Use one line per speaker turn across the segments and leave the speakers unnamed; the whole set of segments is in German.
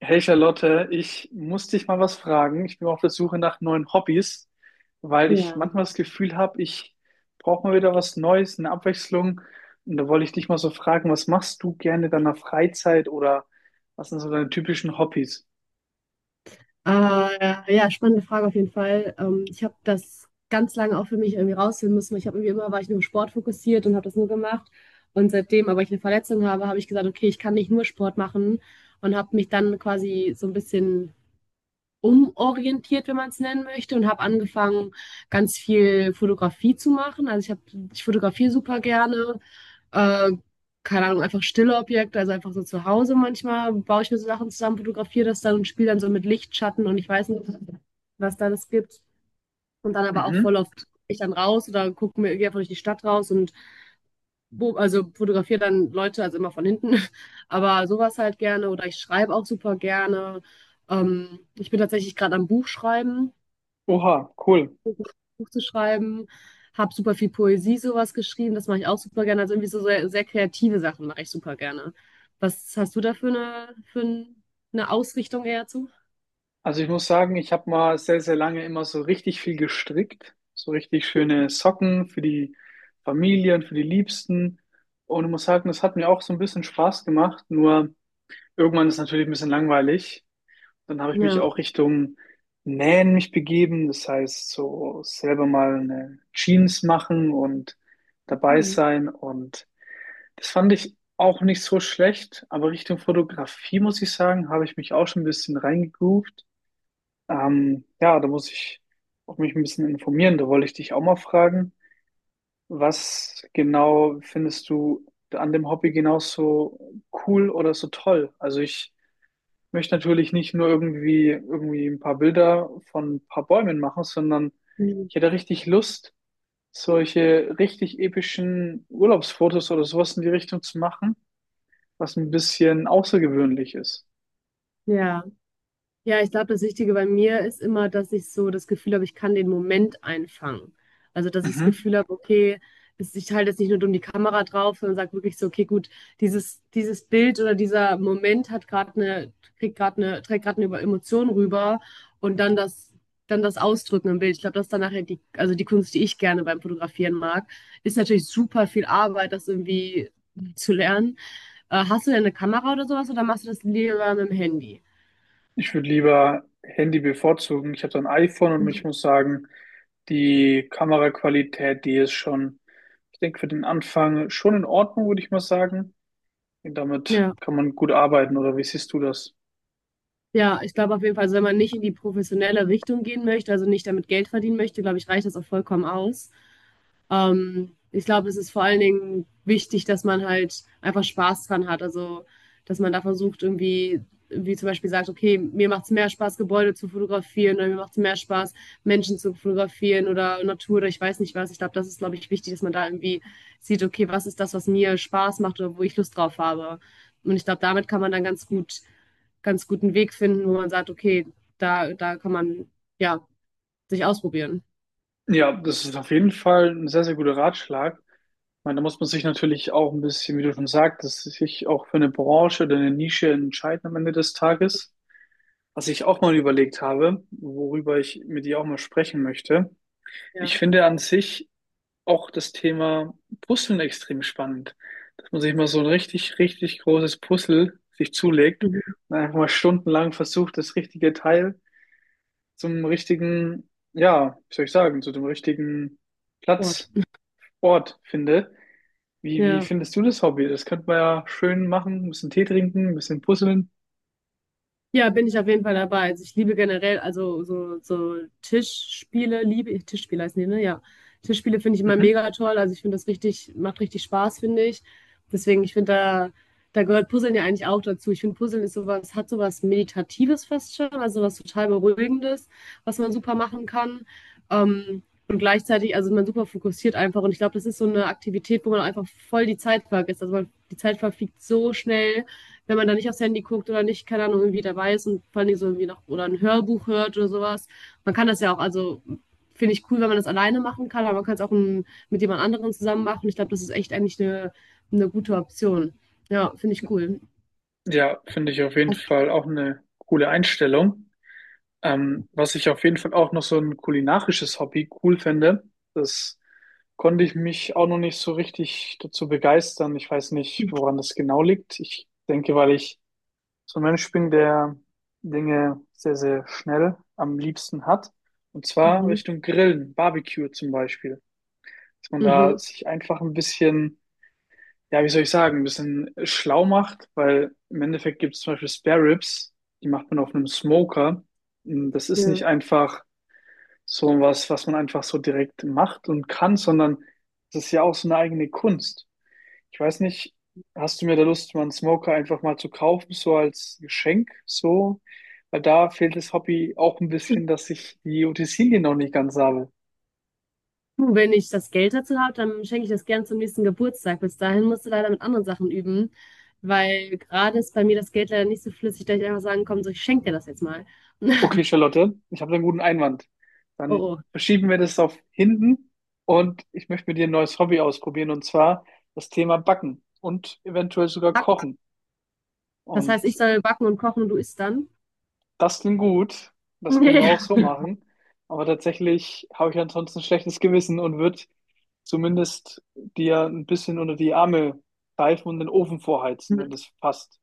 Hey Charlotte, ich muss dich mal was fragen. Ich bin auf der Suche nach neuen Hobbys, weil ich
Ja.
manchmal das Gefühl habe, ich brauche mal wieder was Neues, eine Abwechslung. Und da wollte ich dich mal so fragen, was machst du gerne in deiner Freizeit oder was sind so deine typischen Hobbys?
Ja, Spannende Frage auf jeden Fall. Ich habe das ganz lange auch für mich irgendwie rausfinden müssen. Weil Ich habe irgendwie immer, war ich nur Sport fokussiert und habe das nur gemacht. Und seitdem, aber ich eine Verletzung habe, habe ich gesagt, okay, ich kann nicht nur Sport machen und habe mich dann quasi so ein bisschen umorientiert, wenn man es nennen möchte, und habe angefangen, ganz viel Fotografie zu machen. Ich fotografiere super gerne. Äh, Keine Ahnung, einfach stille Objekte, also einfach so zu Hause manchmal baue ich mir so Sachen zusammen, fotografiere das dann und spiele dann so mit Licht, Schatten und ich weiß nicht, was da das gibt. Und dann aber auch voll
Mhm.
oft ich dann raus oder gucke mir gehe einfach durch die Stadt raus und also fotografiere dann Leute, also immer von hinten. Aber sowas halt gerne oder ich schreibe auch super gerne. Ich bin tatsächlich gerade am Buch schreiben.
Oha, cool.
Buch zu schreiben, Habe super viel Poesie sowas geschrieben, das mache ich auch super gerne. Also irgendwie so sehr, sehr kreative Sachen mache ich super gerne. Was hast du da für eine Ausrichtung eher zu?
Also ich muss sagen, ich habe mal sehr, sehr lange immer so richtig viel gestrickt. So richtig schöne Socken für die Familie und für die Liebsten. Und ich muss sagen, das hat mir auch so ein bisschen Spaß gemacht. Nur irgendwann ist natürlich ein bisschen langweilig. Dann habe ich mich
Ja,
auch Richtung Nähen mich begeben. Das heißt, so selber mal eine Jeans machen und
ja,
dabei
cool.
sein. Und das fand ich auch nicht so schlecht. Aber Richtung Fotografie, muss ich sagen, habe ich mich auch schon ein bisschen reingegroovt. Ja, da muss ich auch mich ein bisschen informieren. Da wollte ich dich auch mal fragen, was genau findest du an dem Hobby genauso cool oder so toll? Also ich möchte natürlich nicht nur irgendwie ein paar Bilder von ein paar Bäumen machen, sondern
Mhm.
ich hätte richtig Lust, solche richtig epischen Urlaubsfotos oder sowas in die Richtung zu machen, was ein bisschen außergewöhnlich ist.
Ja. Ja, ich glaube, das Wichtige bei mir ist immer, dass ich so das Gefühl habe, ich kann den Moment einfangen. Also, dass ich das
Mhm.
Gefühl habe, okay, ich halte jetzt nicht nur dumm die Kamera drauf, sondern sage wirklich so, okay, gut, dieses Bild oder dieser Moment hat gerade eine, kriegt gerade eine, trägt gerade eine Über- Emotion rüber und dann das Ausdrücken im Bild. Ich glaube, das ist dann nachher die, also die Kunst, die ich gerne beim Fotografieren mag, ist natürlich super viel Arbeit, das irgendwie zu lernen. Hast du denn eine Kamera oder sowas oder machst du das lieber mit dem Handy?
Ich würde lieber Handy bevorzugen. Ich habe so ein iPhone und ich muss sagen, die Kameraqualität, die ist schon, ich denke, für den Anfang schon in Ordnung, würde ich mal sagen. Und damit
Ja.
kann man gut arbeiten, oder wie siehst du das?
Ja, ich glaube auf jeden Fall, also wenn man nicht in die professionelle Richtung gehen möchte, also nicht damit Geld verdienen möchte, glaube ich, reicht das auch vollkommen aus. Ich glaube, es ist vor allen Dingen wichtig, dass man halt einfach Spaß dran hat. Also, dass man da versucht, irgendwie, wie zum Beispiel sagt, okay, mir macht es mehr Spaß, Gebäude zu fotografieren oder mir macht es mehr Spaß, Menschen zu fotografieren oder Natur oder ich weiß nicht was. Ich glaube, das ist, glaube ich, wichtig, dass man da irgendwie sieht, okay, was ist das, was mir Spaß macht oder wo ich Lust drauf habe. Und ich glaube, damit kann man dann ganz guten Weg finden, wo man sagt, okay, da kann man ja sich ausprobieren.
Ja, das ist auf jeden Fall ein sehr, sehr guter Ratschlag. Ich meine, da muss man sich natürlich auch ein bisschen, wie du schon sagtest, sich auch für eine Branche oder eine Nische entscheiden am Ende des Tages. Was ich auch mal überlegt habe, worüber ich mit dir auch mal sprechen möchte.
Ja.
Ich finde an sich auch das Thema Puzzeln extrem spannend. Dass man sich mal so ein richtig, richtig großes Puzzle sich zulegt
Mhm.
und einfach mal stundenlang versucht, das richtige Teil zum richtigen, ja, wie soll ich sagen, zu dem richtigen
Sport.
Platz ort finde. Wie
Ja.
findest du das Hobby? Das könnte man ja schön machen, ein bisschen Tee trinken, ein bisschen puzzeln.
Ja, bin ich auf jeden Fall dabei. Also ich liebe generell, also so Tischspiele, liebe ich, Tischspiele heißen die, ne? Ja. Tischspiele finde ich immer
Mhm.
mega toll. Also ich finde das richtig, macht richtig Spaß, finde ich. Deswegen, ich finde, da gehört Puzzeln ja eigentlich auch dazu. Ich finde, Puzzeln ist sowas, hat sowas Meditatives fast schon, also was total Beruhigendes, was man super machen kann. Ähm, und gleichzeitig, also man super fokussiert einfach. Und ich glaube, das ist so eine Aktivität, wo man einfach voll die Zeit vergisst. Die Zeit verfliegt so schnell, wenn man da nicht aufs Handy guckt oder nicht, keine Ahnung, irgendwie dabei ist und vor allem so irgendwie noch oder ein Hörbuch hört oder sowas. Man kann das ja auch, also finde ich cool, wenn man das alleine machen kann, aber man kann es auch mit jemand anderem zusammen machen. Ich glaube, das ist echt eigentlich eine gute Option. Ja, finde ich cool.
Ja, finde ich auf jeden Fall auch eine coole Einstellung. Was ich auf jeden Fall auch noch so ein kulinarisches Hobby cool fände, das konnte ich mich auch noch nicht so richtig dazu begeistern. Ich weiß nicht, woran das genau liegt. Ich denke, weil ich so ein Mensch bin, der Dinge sehr, sehr schnell am liebsten hat. Und zwar
Mhm.
Richtung Grillen, Barbecue zum Beispiel. Dass man da
Mhm.
sich einfach ein bisschen, ja, wie soll ich sagen, ein bisschen schlau macht, weil im Endeffekt gibt es zum Beispiel Spare Ribs, die macht man auf einem Smoker. Und das ist nicht
Ja.
einfach so was, was man einfach so direkt macht und kann, sondern das ist ja auch so eine eigene Kunst. Ich weiß nicht, hast du mir da Lust, mal einen Smoker einfach mal zu kaufen, so als Geschenk, so? Weil da fehlt das Hobby auch ein bisschen, dass ich die Utensilien noch nicht ganz habe.
Du, wenn ich das Geld dazu habe, dann schenke ich das gerne zum nächsten Geburtstag. Bis dahin musst du leider mit anderen Sachen üben, weil gerade ist bei mir das Geld leider nicht so flüssig, dass ich einfach sagen kann, so, ich schenke dir das jetzt mal.
Okay, Charlotte, ich habe einen guten Einwand. Dann
Oh,
verschieben wir das auf hinten und ich möchte mit dir ein neues Hobby ausprobieren und zwar das Thema Backen und eventuell sogar
oh.
Kochen.
Das
Und
heißt, ich soll backen und kochen und du isst dann?
das klingt gut, das können wir
Nee.
auch so machen, aber tatsächlich habe ich ansonsten ein schlechtes Gewissen und würde zumindest dir ein bisschen unter die Arme greifen und den Ofen vorheizen,
Mhm.
wenn das passt.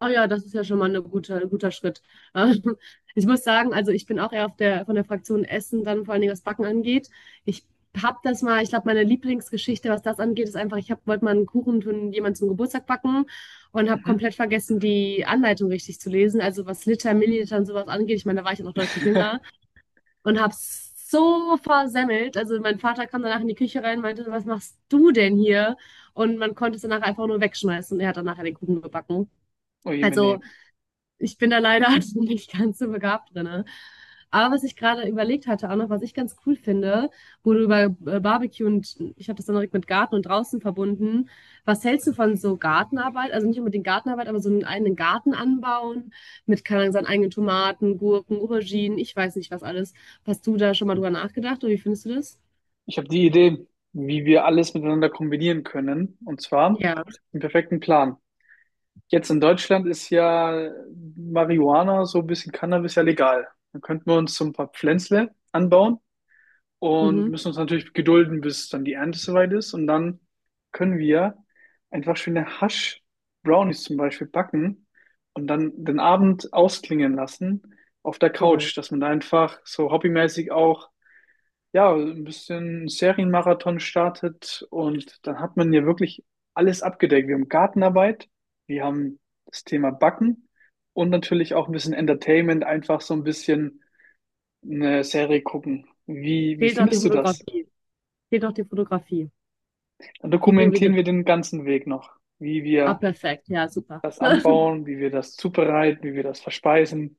Oh ja, das ist ja schon mal eine gute, ein guter Schritt. Ähm, Ich muss sagen, also ich bin auch eher auf der, von der Fraktion Essen, dann vor allen Dingen was Backen angeht. Ich habe das mal, ich glaube, meine Lieblingsgeschichte, was das angeht, ist einfach, wollte mal einen Kuchen für jemanden zum Geburtstag backen und habe
Mhm.
komplett vergessen, die Anleitung richtig zu lesen. Also was Liter, Milliliter und sowas angeht, ich meine, da war ich auch noch deutlich jünger. Und hab's so versemmelt. Also mein Vater kam danach in die Küche rein und meinte, was machst du denn hier? Und man konnte es danach einfach nur wegschmeißen. Und er hat danach den Kuchen gebacken.
Oh je,
Also
meine.
ich bin da leider nicht ganz so begabt drin. Aber was ich gerade überlegt hatte, auch noch, was ich ganz cool finde, wo du über Barbecue und ich habe das dann direkt mit Garten und draußen verbunden. Was hältst du von so Gartenarbeit? Also nicht unbedingt Gartenarbeit, aber so einen eigenen Garten anbauen mit, keine Ahnung, seinen eigenen Tomaten, Gurken, Auberginen, ich weiß nicht was alles. Hast du da schon mal drüber nachgedacht oder wie findest du das?
Ich habe die Idee, wie wir alles miteinander kombinieren können. Und zwar
Ja,
einen perfekten Plan. Jetzt in Deutschland ist ja Marihuana, so ein bisschen Cannabis ja legal. Dann könnten wir uns so ein paar Pflänzle anbauen und
mhm.
müssen uns natürlich gedulden, bis dann die Ernte soweit ist. Und dann können wir einfach schöne Hasch-Brownies zum Beispiel backen und dann den Abend ausklingen lassen auf der
Cool.
Couch, dass man da einfach so hobbymäßig auch ja, ein bisschen Serienmarathon startet und dann hat man ja wirklich alles abgedeckt. Wir haben Gartenarbeit, wir haben das Thema Backen und natürlich auch ein bisschen Entertainment, einfach so ein bisschen eine Serie gucken. Wie
Fehlt noch die
findest du das?
Fotografie. Fehlt noch die Fotografie.
Dann
Die bringen wir dir.
dokumentieren wir den ganzen Weg noch, wie
Ah,
wir
perfekt. Ja, super.
das anbauen, wie wir das zubereiten, wie wir das verspeisen.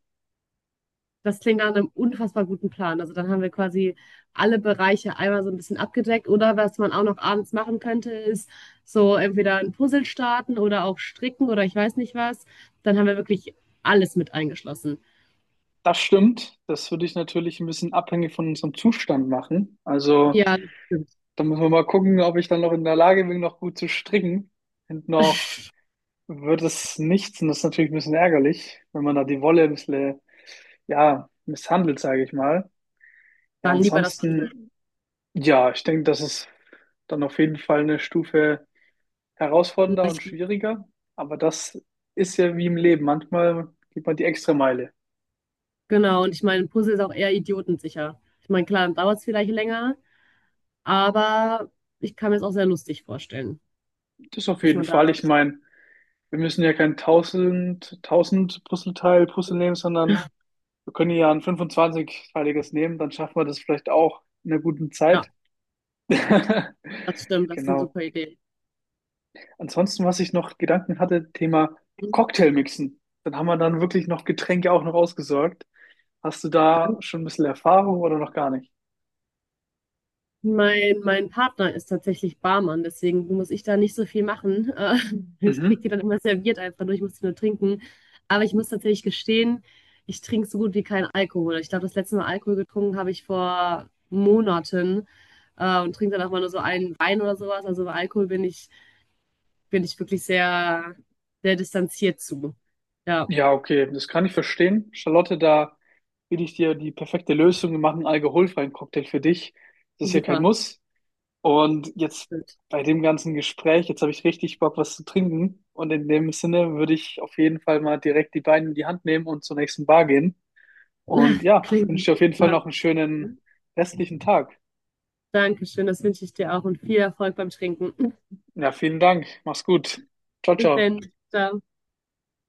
Das klingt nach einem unfassbar guten Plan. Also dann haben wir quasi alle Bereiche einmal so ein bisschen abgedeckt. Oder was man auch noch abends machen könnte, ist so entweder ein Puzzle starten oder auch stricken oder ich weiß nicht was. Dann haben wir wirklich alles mit eingeschlossen.
Das stimmt. Das würde ich natürlich ein bisschen abhängig von unserem Zustand machen. Also
Ja, das stimmt.
da müssen wir mal gucken, ob ich dann noch in der Lage bin, noch gut zu stricken. Und noch wird es nichts. Und das ist natürlich ein bisschen ärgerlich, wenn man da die Wolle ein bisschen, ja, misshandelt, sage ich mal. Ja,
Dann lieber das Puzzle.
ansonsten, ja, ich denke, das ist dann auf jeden Fall eine Stufe herausfordernder und
Leicht.
schwieriger. Aber das ist ja wie im Leben. Manchmal geht man die extra Meile.
Genau. Und ich meine, ein Puzzle ist auch eher idiotensicher. Ich meine, klar, dann dauert es vielleicht länger, aber ich kann mir es auch sehr lustig vorstellen,
Das auf
dass
jeden
man da,
Fall. Ich meine, wir müssen ja kein tausend Puzzleteil puzzeln nehmen, sondern wir können ja ein 25-teiliges nehmen, dann schaffen wir das vielleicht auch in einer guten Zeit.
ja, das stimmt, das ist eine
Genau.
super Idee.
Ansonsten, was ich noch Gedanken hatte, Thema Cocktailmixen. Dann haben wir dann wirklich noch Getränke auch noch ausgesorgt. Hast du da schon ein bisschen Erfahrung oder noch gar nicht?
Mein Partner ist tatsächlich Barmann, deswegen muss ich da nicht so viel machen. Ich kriege
Mhm.
die dann immer serviert einfach nur, ich muss die nur trinken. Aber ich muss tatsächlich gestehen, ich trinke so gut wie keinen Alkohol. Ich glaube, das letzte Mal Alkohol getrunken habe ich vor Monaten, und trinke dann auch mal nur so einen Wein oder sowas. Also bei Alkohol bin ich wirklich sehr, sehr distanziert zu. Ja,
Ja, okay, das kann ich verstehen. Charlotte, da will ich dir die perfekte Lösung. Wir machen einen alkoholfreien Cocktail für dich. Das ist ja kein
super.
Muss. Und jetzt
Gut.
bei dem ganzen Gespräch, jetzt habe ich richtig Bock, was zu trinken. Und in dem Sinne würde ich auf jeden Fall mal direkt die Beine in die Hand nehmen und zur nächsten Bar gehen. Und ja,
Klingt
wünsche dir auf jeden Fall
gut.
noch einen schönen restlichen Tag.
Dankeschön, das wünsche ich dir auch und viel Erfolg beim Trinken.
Ja, vielen Dank. Mach's gut. Ciao,
Bis
ciao.
dann. Ciao.